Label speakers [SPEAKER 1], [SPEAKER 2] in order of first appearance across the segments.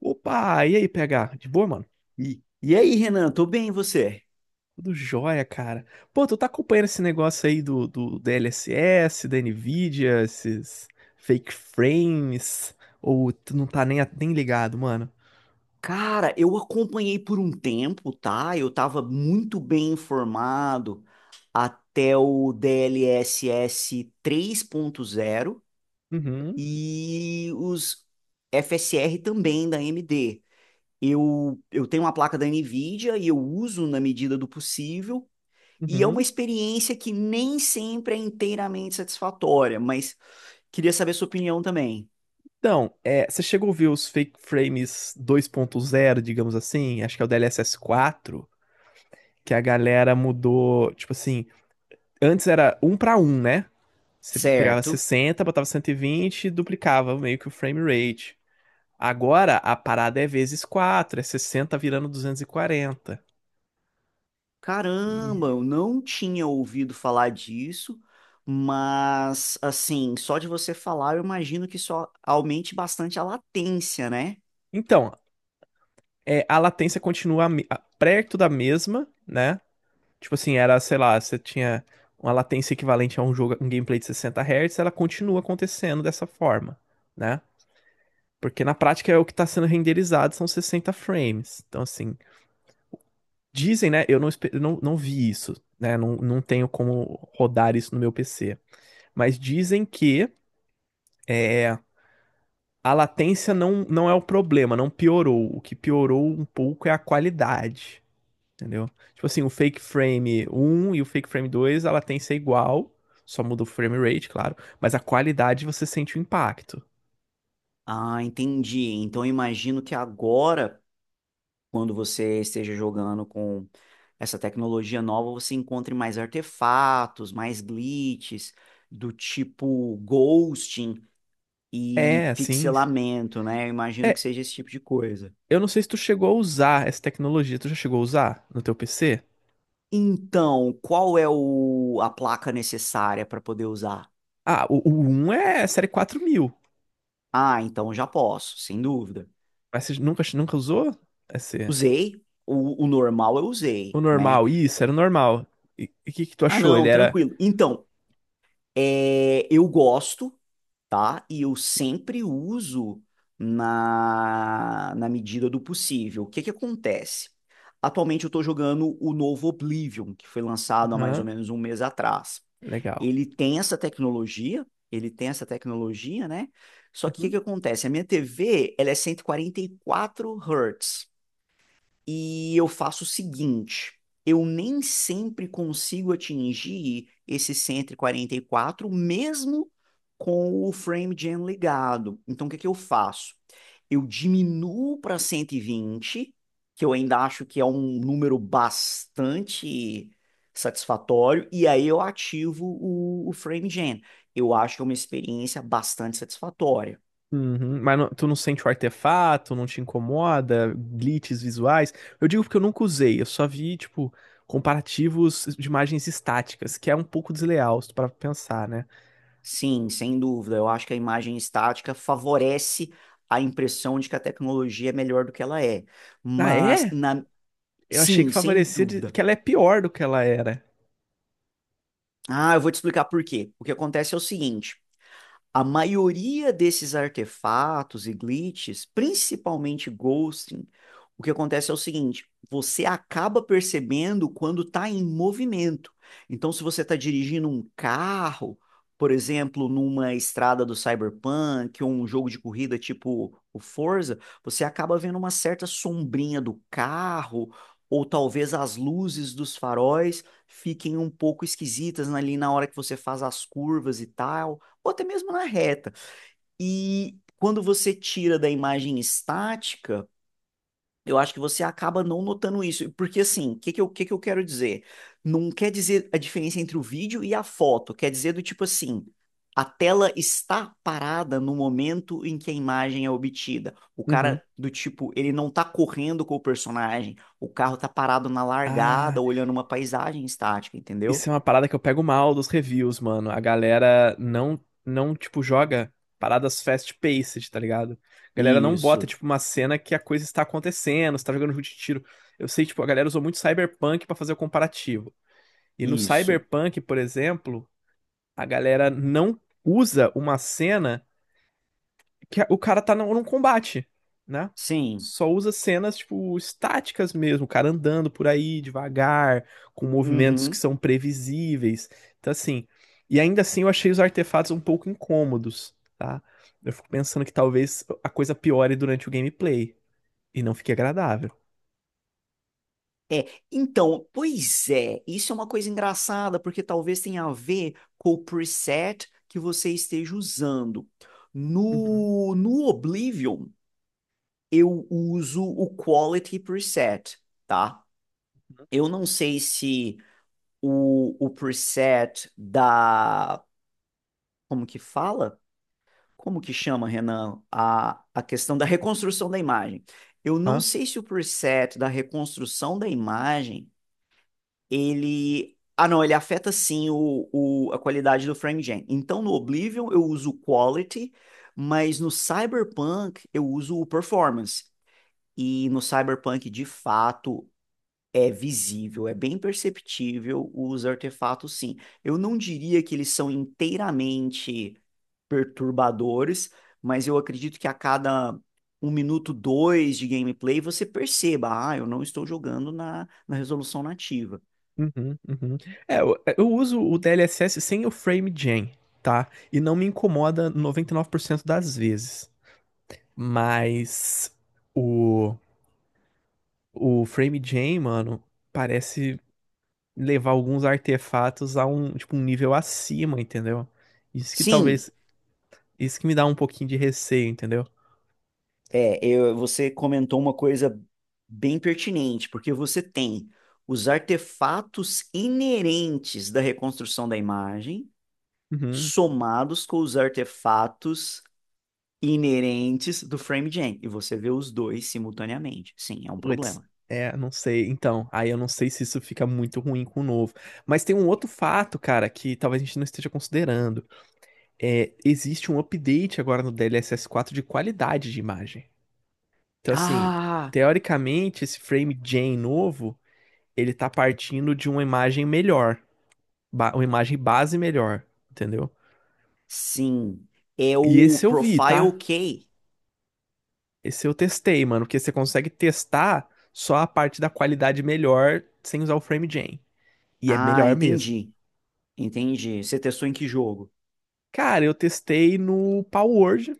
[SPEAKER 1] Opa, e aí, PH? De boa, mano?
[SPEAKER 2] E aí, Renan, tô bem, e você?
[SPEAKER 1] Tudo jóia, cara. Pô, tu tá acompanhando esse negócio aí do DLSS, da Nvidia, esses fake frames, ou tu não tá nem, nem ligado, mano?
[SPEAKER 2] Cara, eu acompanhei por um tempo, tá? Eu tava muito bem informado até o DLSS zero
[SPEAKER 1] Uhum,
[SPEAKER 2] e os FSR também da AMD. Eu tenho uma placa da NVIDIA e eu uso na medida do possível, e é uma
[SPEAKER 1] uhum.
[SPEAKER 2] experiência que nem sempre é inteiramente satisfatória, mas queria saber sua opinião também.
[SPEAKER 1] Então, você chegou a ver os fake frames 2.0, digamos assim? Acho que é o DLSS 4, que a galera mudou, tipo assim, antes era um pra um, né? Você pegava
[SPEAKER 2] Certo.
[SPEAKER 1] 60, botava 120 e vinte e duplicava meio que o frame rate. Agora a parada é vezes quatro, é 60 virando 240 e
[SPEAKER 2] Caramba, eu não tinha ouvido falar disso, mas assim, só de você falar, eu imagino que só aumente bastante a latência, né?
[SPEAKER 1] Então, a latência continua perto da mesma, né? Tipo assim, era, sei lá, você tinha uma latência equivalente a um jogo, um gameplay de 60 Hz, ela continua acontecendo dessa forma, né? Porque na prática é o que está sendo renderizado, são 60 frames. Então, assim, dizem, né? Eu não vi isso, né? Não, tenho como rodar isso no meu PC. Mas dizem que é, A latência não, é o problema, não piorou. O que piorou um pouco é a qualidade, entendeu? Tipo assim, o Fake Frame 1 e o Fake Frame 2, a latência é igual, só muda o frame rate, claro, mas a qualidade você sente o impacto.
[SPEAKER 2] Ah, entendi. Então, eu imagino que agora, quando você esteja jogando com essa tecnologia nova, você encontre mais artefatos, mais glitches, do tipo ghosting
[SPEAKER 1] É,
[SPEAKER 2] e
[SPEAKER 1] assim,
[SPEAKER 2] pixelamento, né? Eu imagino que
[SPEAKER 1] é,
[SPEAKER 2] seja esse tipo de coisa.
[SPEAKER 1] eu não sei se tu chegou a usar essa tecnologia, tu já chegou a usar no teu PC?
[SPEAKER 2] Então, qual é a placa necessária para poder usar?
[SPEAKER 1] Ah, o 1 é série 4000.
[SPEAKER 2] Ah, então já posso, sem dúvida.
[SPEAKER 1] Mas você nunca, nunca usou? Esse,
[SPEAKER 2] Usei, o normal eu
[SPEAKER 1] o
[SPEAKER 2] usei, né?
[SPEAKER 1] normal, isso, era o normal. E o que que tu
[SPEAKER 2] Ah,
[SPEAKER 1] achou? Ele
[SPEAKER 2] não,
[SPEAKER 1] era.
[SPEAKER 2] tranquilo. Então, é, eu gosto, tá? E eu sempre uso na medida do possível. O que que acontece? Atualmente eu tô jogando o novo Oblivion, que foi lançado há mais ou
[SPEAKER 1] Aham,
[SPEAKER 2] menos um mês atrás.
[SPEAKER 1] legal.
[SPEAKER 2] Ele tem essa tecnologia, ele tem essa tecnologia, né? Só que o que,
[SPEAKER 1] Uhum.
[SPEAKER 2] que acontece? A minha TV, ela é cento e quarenta e quatro hertz. E eu faço o seguinte, eu nem sempre consigo atingir esse cento e quarenta e quatro, mesmo com o frame gen ligado. Então, o que que eu faço? Eu diminuo para 120, que eu ainda acho que é um número bastante satisfatório, e aí eu ativo o frame gen. Eu acho que é uma experiência bastante satisfatória.
[SPEAKER 1] Uhum, mas tu não sente o artefato, não te incomoda, glitches visuais? Eu digo porque eu nunca usei, eu só vi, tipo, comparativos de imagens estáticas, que é um pouco desleal, se tu parar pra pensar, né?
[SPEAKER 2] Sim, sem dúvida. Eu acho que a imagem estática favorece a impressão de que a tecnologia é melhor do que ela é.
[SPEAKER 1] Ah,
[SPEAKER 2] Mas,
[SPEAKER 1] é?
[SPEAKER 2] na...
[SPEAKER 1] Eu achei que
[SPEAKER 2] sim, sem
[SPEAKER 1] favorecia
[SPEAKER 2] dúvida.
[SPEAKER 1] que ela é pior do que ela era.
[SPEAKER 2] Ah, eu vou te explicar por quê. O que acontece é o seguinte. A maioria desses artefatos e glitches, principalmente ghosting, o que acontece é o seguinte: você acaba percebendo quando está em movimento. Então, se você está dirigindo um carro, por exemplo, numa estrada do Cyberpunk ou um jogo de corrida tipo o Forza, você acaba vendo uma certa sombrinha do carro, ou talvez as luzes dos faróis fiquem um pouco esquisitas ali na hora que você faz as curvas e tal ou até mesmo na reta. E quando você tira da imagem estática, eu acho que você acaba não notando isso. Porque, assim, o que que eu quero dizer? Não quer dizer a diferença entre o vídeo e a foto. Quer dizer do tipo assim, a tela está parada no momento em que a imagem é obtida. O
[SPEAKER 1] Uhum.
[SPEAKER 2] cara, do tipo, ele não tá correndo com o personagem. O carro tá parado na
[SPEAKER 1] Ah.
[SPEAKER 2] largada, olhando uma paisagem estática, entendeu?
[SPEAKER 1] Isso é uma parada que eu pego mal dos reviews, mano. A galera não, não tipo, joga paradas fast-paced, tá ligado? A galera não bota,
[SPEAKER 2] Isso,
[SPEAKER 1] tipo, uma cena que a coisa está acontecendo, você tá jogando jogo de tiro. Eu sei, tipo, a galera usou muito Cyberpunk pra fazer o comparativo. E no
[SPEAKER 2] isso.
[SPEAKER 1] Cyberpunk, por exemplo, a galera não usa uma cena que o cara tá num combate, né?
[SPEAKER 2] Sim.
[SPEAKER 1] Só usa cenas, tipo, estáticas mesmo, o cara andando por aí devagar, com movimentos que
[SPEAKER 2] Uhum.
[SPEAKER 1] são previsíveis. Então, assim, e ainda assim eu achei os artefatos um pouco incômodos, tá? Eu fico pensando que talvez a coisa piore durante o gameplay e não fique agradável.
[SPEAKER 2] É, então, pois é, isso é uma coisa engraçada, porque talvez tenha a ver com o preset que você esteja usando.
[SPEAKER 1] Uhum.
[SPEAKER 2] No Oblivion, eu uso o Quality Preset, tá? Eu não sei se o preset da. Como que fala? Como que chama, Renan? A questão da reconstrução da imagem. Eu não
[SPEAKER 1] Hã?
[SPEAKER 2] sei se o preset da reconstrução da imagem ele. Ah, não, ele afeta sim a qualidade do FrameGen. Então, no Oblivion eu uso o Quality, mas no Cyberpunk eu uso o Performance. E no Cyberpunk, de fato, é visível, é bem perceptível os artefatos, sim. Eu não diria que eles são inteiramente perturbadores, mas eu acredito que a cada um minuto, dois de gameplay, você perceba, ah, eu não estou jogando na resolução nativa.
[SPEAKER 1] Uhum, uhum. É, eu uso o DLSS sem o frame gen, tá? E não me incomoda 99% das vezes. Mas o, o Frame Jam, mano, parece levar alguns artefatos a um, tipo, um nível acima, entendeu? Isso que
[SPEAKER 2] Sim,
[SPEAKER 1] talvez. Isso que me dá um pouquinho de receio, entendeu?
[SPEAKER 2] é, você comentou uma coisa bem pertinente, porque você tem os artefatos inerentes da reconstrução da imagem
[SPEAKER 1] Uhum.
[SPEAKER 2] somados com os artefatos inerentes do FrameGen, e você vê os dois simultaneamente. Sim, é um
[SPEAKER 1] Putz,
[SPEAKER 2] problema.
[SPEAKER 1] não sei. Então, aí eu não sei se isso fica muito ruim com o novo. Mas tem um outro fato, cara, que talvez a gente não esteja considerando. É, existe um update agora no DLSS 4 de qualidade de imagem. Então, assim,
[SPEAKER 2] Ah,
[SPEAKER 1] teoricamente, esse Frame Jam novo ele tá partindo de uma imagem melhor, uma imagem base melhor, entendeu?
[SPEAKER 2] sim, é
[SPEAKER 1] E
[SPEAKER 2] o
[SPEAKER 1] esse eu vi,
[SPEAKER 2] Profile
[SPEAKER 1] tá?
[SPEAKER 2] Key.
[SPEAKER 1] Esse eu testei, mano, porque você consegue testar só a parte da qualidade melhor sem usar o FrameGen. E é
[SPEAKER 2] Ah,
[SPEAKER 1] melhor mesmo.
[SPEAKER 2] entendi, entendi. Você testou em que jogo?
[SPEAKER 1] Cara, eu testei no Palworld,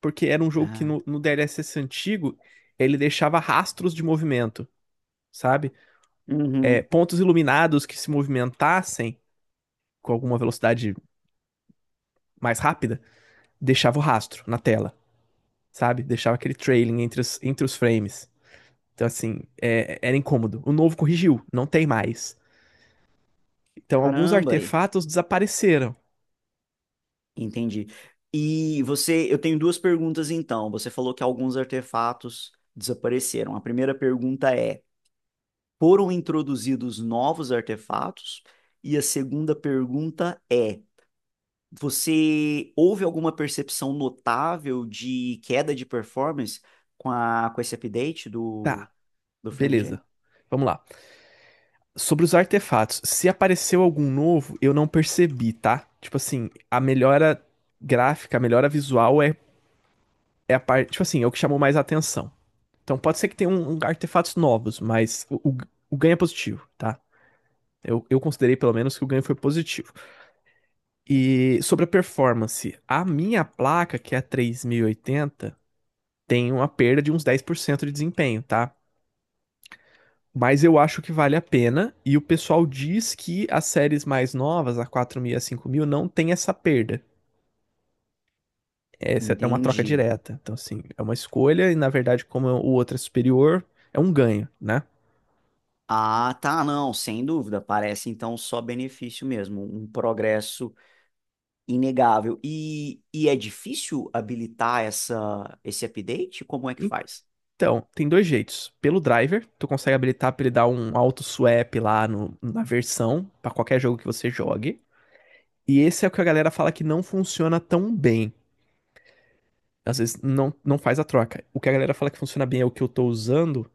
[SPEAKER 1] porque era um jogo que
[SPEAKER 2] Ah,
[SPEAKER 1] no, DLSS antigo ele deixava rastros de movimento, sabe? É,
[SPEAKER 2] uhum.
[SPEAKER 1] pontos iluminados que se movimentassem com alguma velocidade mais rápida, deixava o rastro na tela. Sabe? Deixava aquele trailing entre os, frames. Então, assim, era incômodo. O novo corrigiu, não tem mais. Então, alguns
[SPEAKER 2] Caramba,
[SPEAKER 1] artefatos desapareceram.
[SPEAKER 2] entendi. E você, eu tenho duas perguntas então. Você falou que alguns artefatos desapareceram. A primeira pergunta é: foram introduzidos novos artefatos? E a segunda pergunta é: você houve alguma percepção notável de queda de performance com esse update do,
[SPEAKER 1] Tá,
[SPEAKER 2] do FrameJ?
[SPEAKER 1] beleza. Vamos lá. Sobre os artefatos, se apareceu algum novo, eu não percebi, tá? Tipo assim, a melhora gráfica, a melhora visual é a parte. Tipo assim, é o que chamou mais a atenção. Então, pode ser que tenha artefatos novos, mas o ganho é positivo, tá? Eu considerei pelo menos que o ganho foi positivo. E sobre a performance, a minha placa, que é a 3080, tem uma perda de uns 10% de desempenho, tá? Mas eu acho que vale a pena, e o pessoal diz que as séries mais novas, a 4000 e a 5000, não tem essa perda. Essa é uma troca
[SPEAKER 2] Entendi.
[SPEAKER 1] direta. Então, assim, é uma escolha, e na verdade, como o outro é superior, é um ganho, né?
[SPEAKER 2] Ah, tá, não, sem dúvida. Parece então só benefício mesmo, um progresso inegável. E é difícil habilitar esse update? Como é que faz?
[SPEAKER 1] Então, tem dois jeitos. Pelo driver, tu consegue habilitar para ele dar um auto swap lá na versão, para qualquer jogo que você jogue. E esse é o que a galera fala que não funciona tão bem. Às vezes não, faz a troca. O que a galera fala que funciona bem é o que eu tô usando.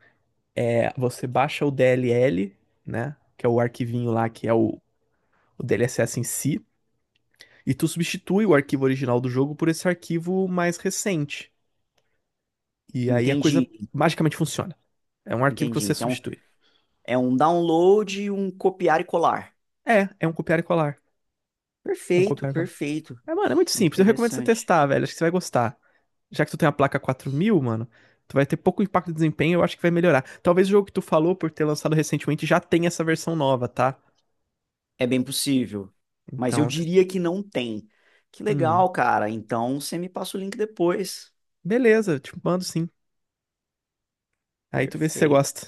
[SPEAKER 1] É você baixa o DLL, né? Que é o arquivinho lá, que é o DLSS em si. E tu substitui o arquivo original do jogo por esse arquivo mais recente. E aí a coisa
[SPEAKER 2] Entendi,
[SPEAKER 1] magicamente funciona. É um arquivo que
[SPEAKER 2] entendi.
[SPEAKER 1] você
[SPEAKER 2] Então,
[SPEAKER 1] substitui.
[SPEAKER 2] é um download e um copiar e colar.
[SPEAKER 1] É um copiar e colar. Um
[SPEAKER 2] Perfeito,
[SPEAKER 1] copiar e colar.
[SPEAKER 2] perfeito.
[SPEAKER 1] É, mano, é muito simples. Eu recomendo você
[SPEAKER 2] Interessante.
[SPEAKER 1] testar, velho. Acho que você vai gostar. Já que tu tem uma placa 4000, mano, tu vai ter pouco impacto de desempenho, eu acho que vai melhorar. Talvez o jogo que tu falou por ter lançado recentemente já tenha essa versão nova, tá?
[SPEAKER 2] É bem possível. Mas eu
[SPEAKER 1] Então,
[SPEAKER 2] diria que não tem. Que
[SPEAKER 1] hum,
[SPEAKER 2] legal, cara. Então, você me passa o link depois.
[SPEAKER 1] beleza, eu te mando sim. Aí tu vê se você
[SPEAKER 2] Perfeito.
[SPEAKER 1] gosta.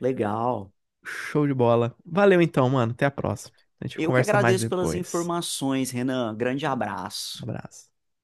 [SPEAKER 2] Legal.
[SPEAKER 1] Show de bola. Valeu então, mano. Até a próxima. A gente
[SPEAKER 2] Eu que
[SPEAKER 1] conversa mais
[SPEAKER 2] agradeço pelas
[SPEAKER 1] depois.
[SPEAKER 2] informações, Renan. Grande
[SPEAKER 1] Um
[SPEAKER 2] abraço.
[SPEAKER 1] abraço.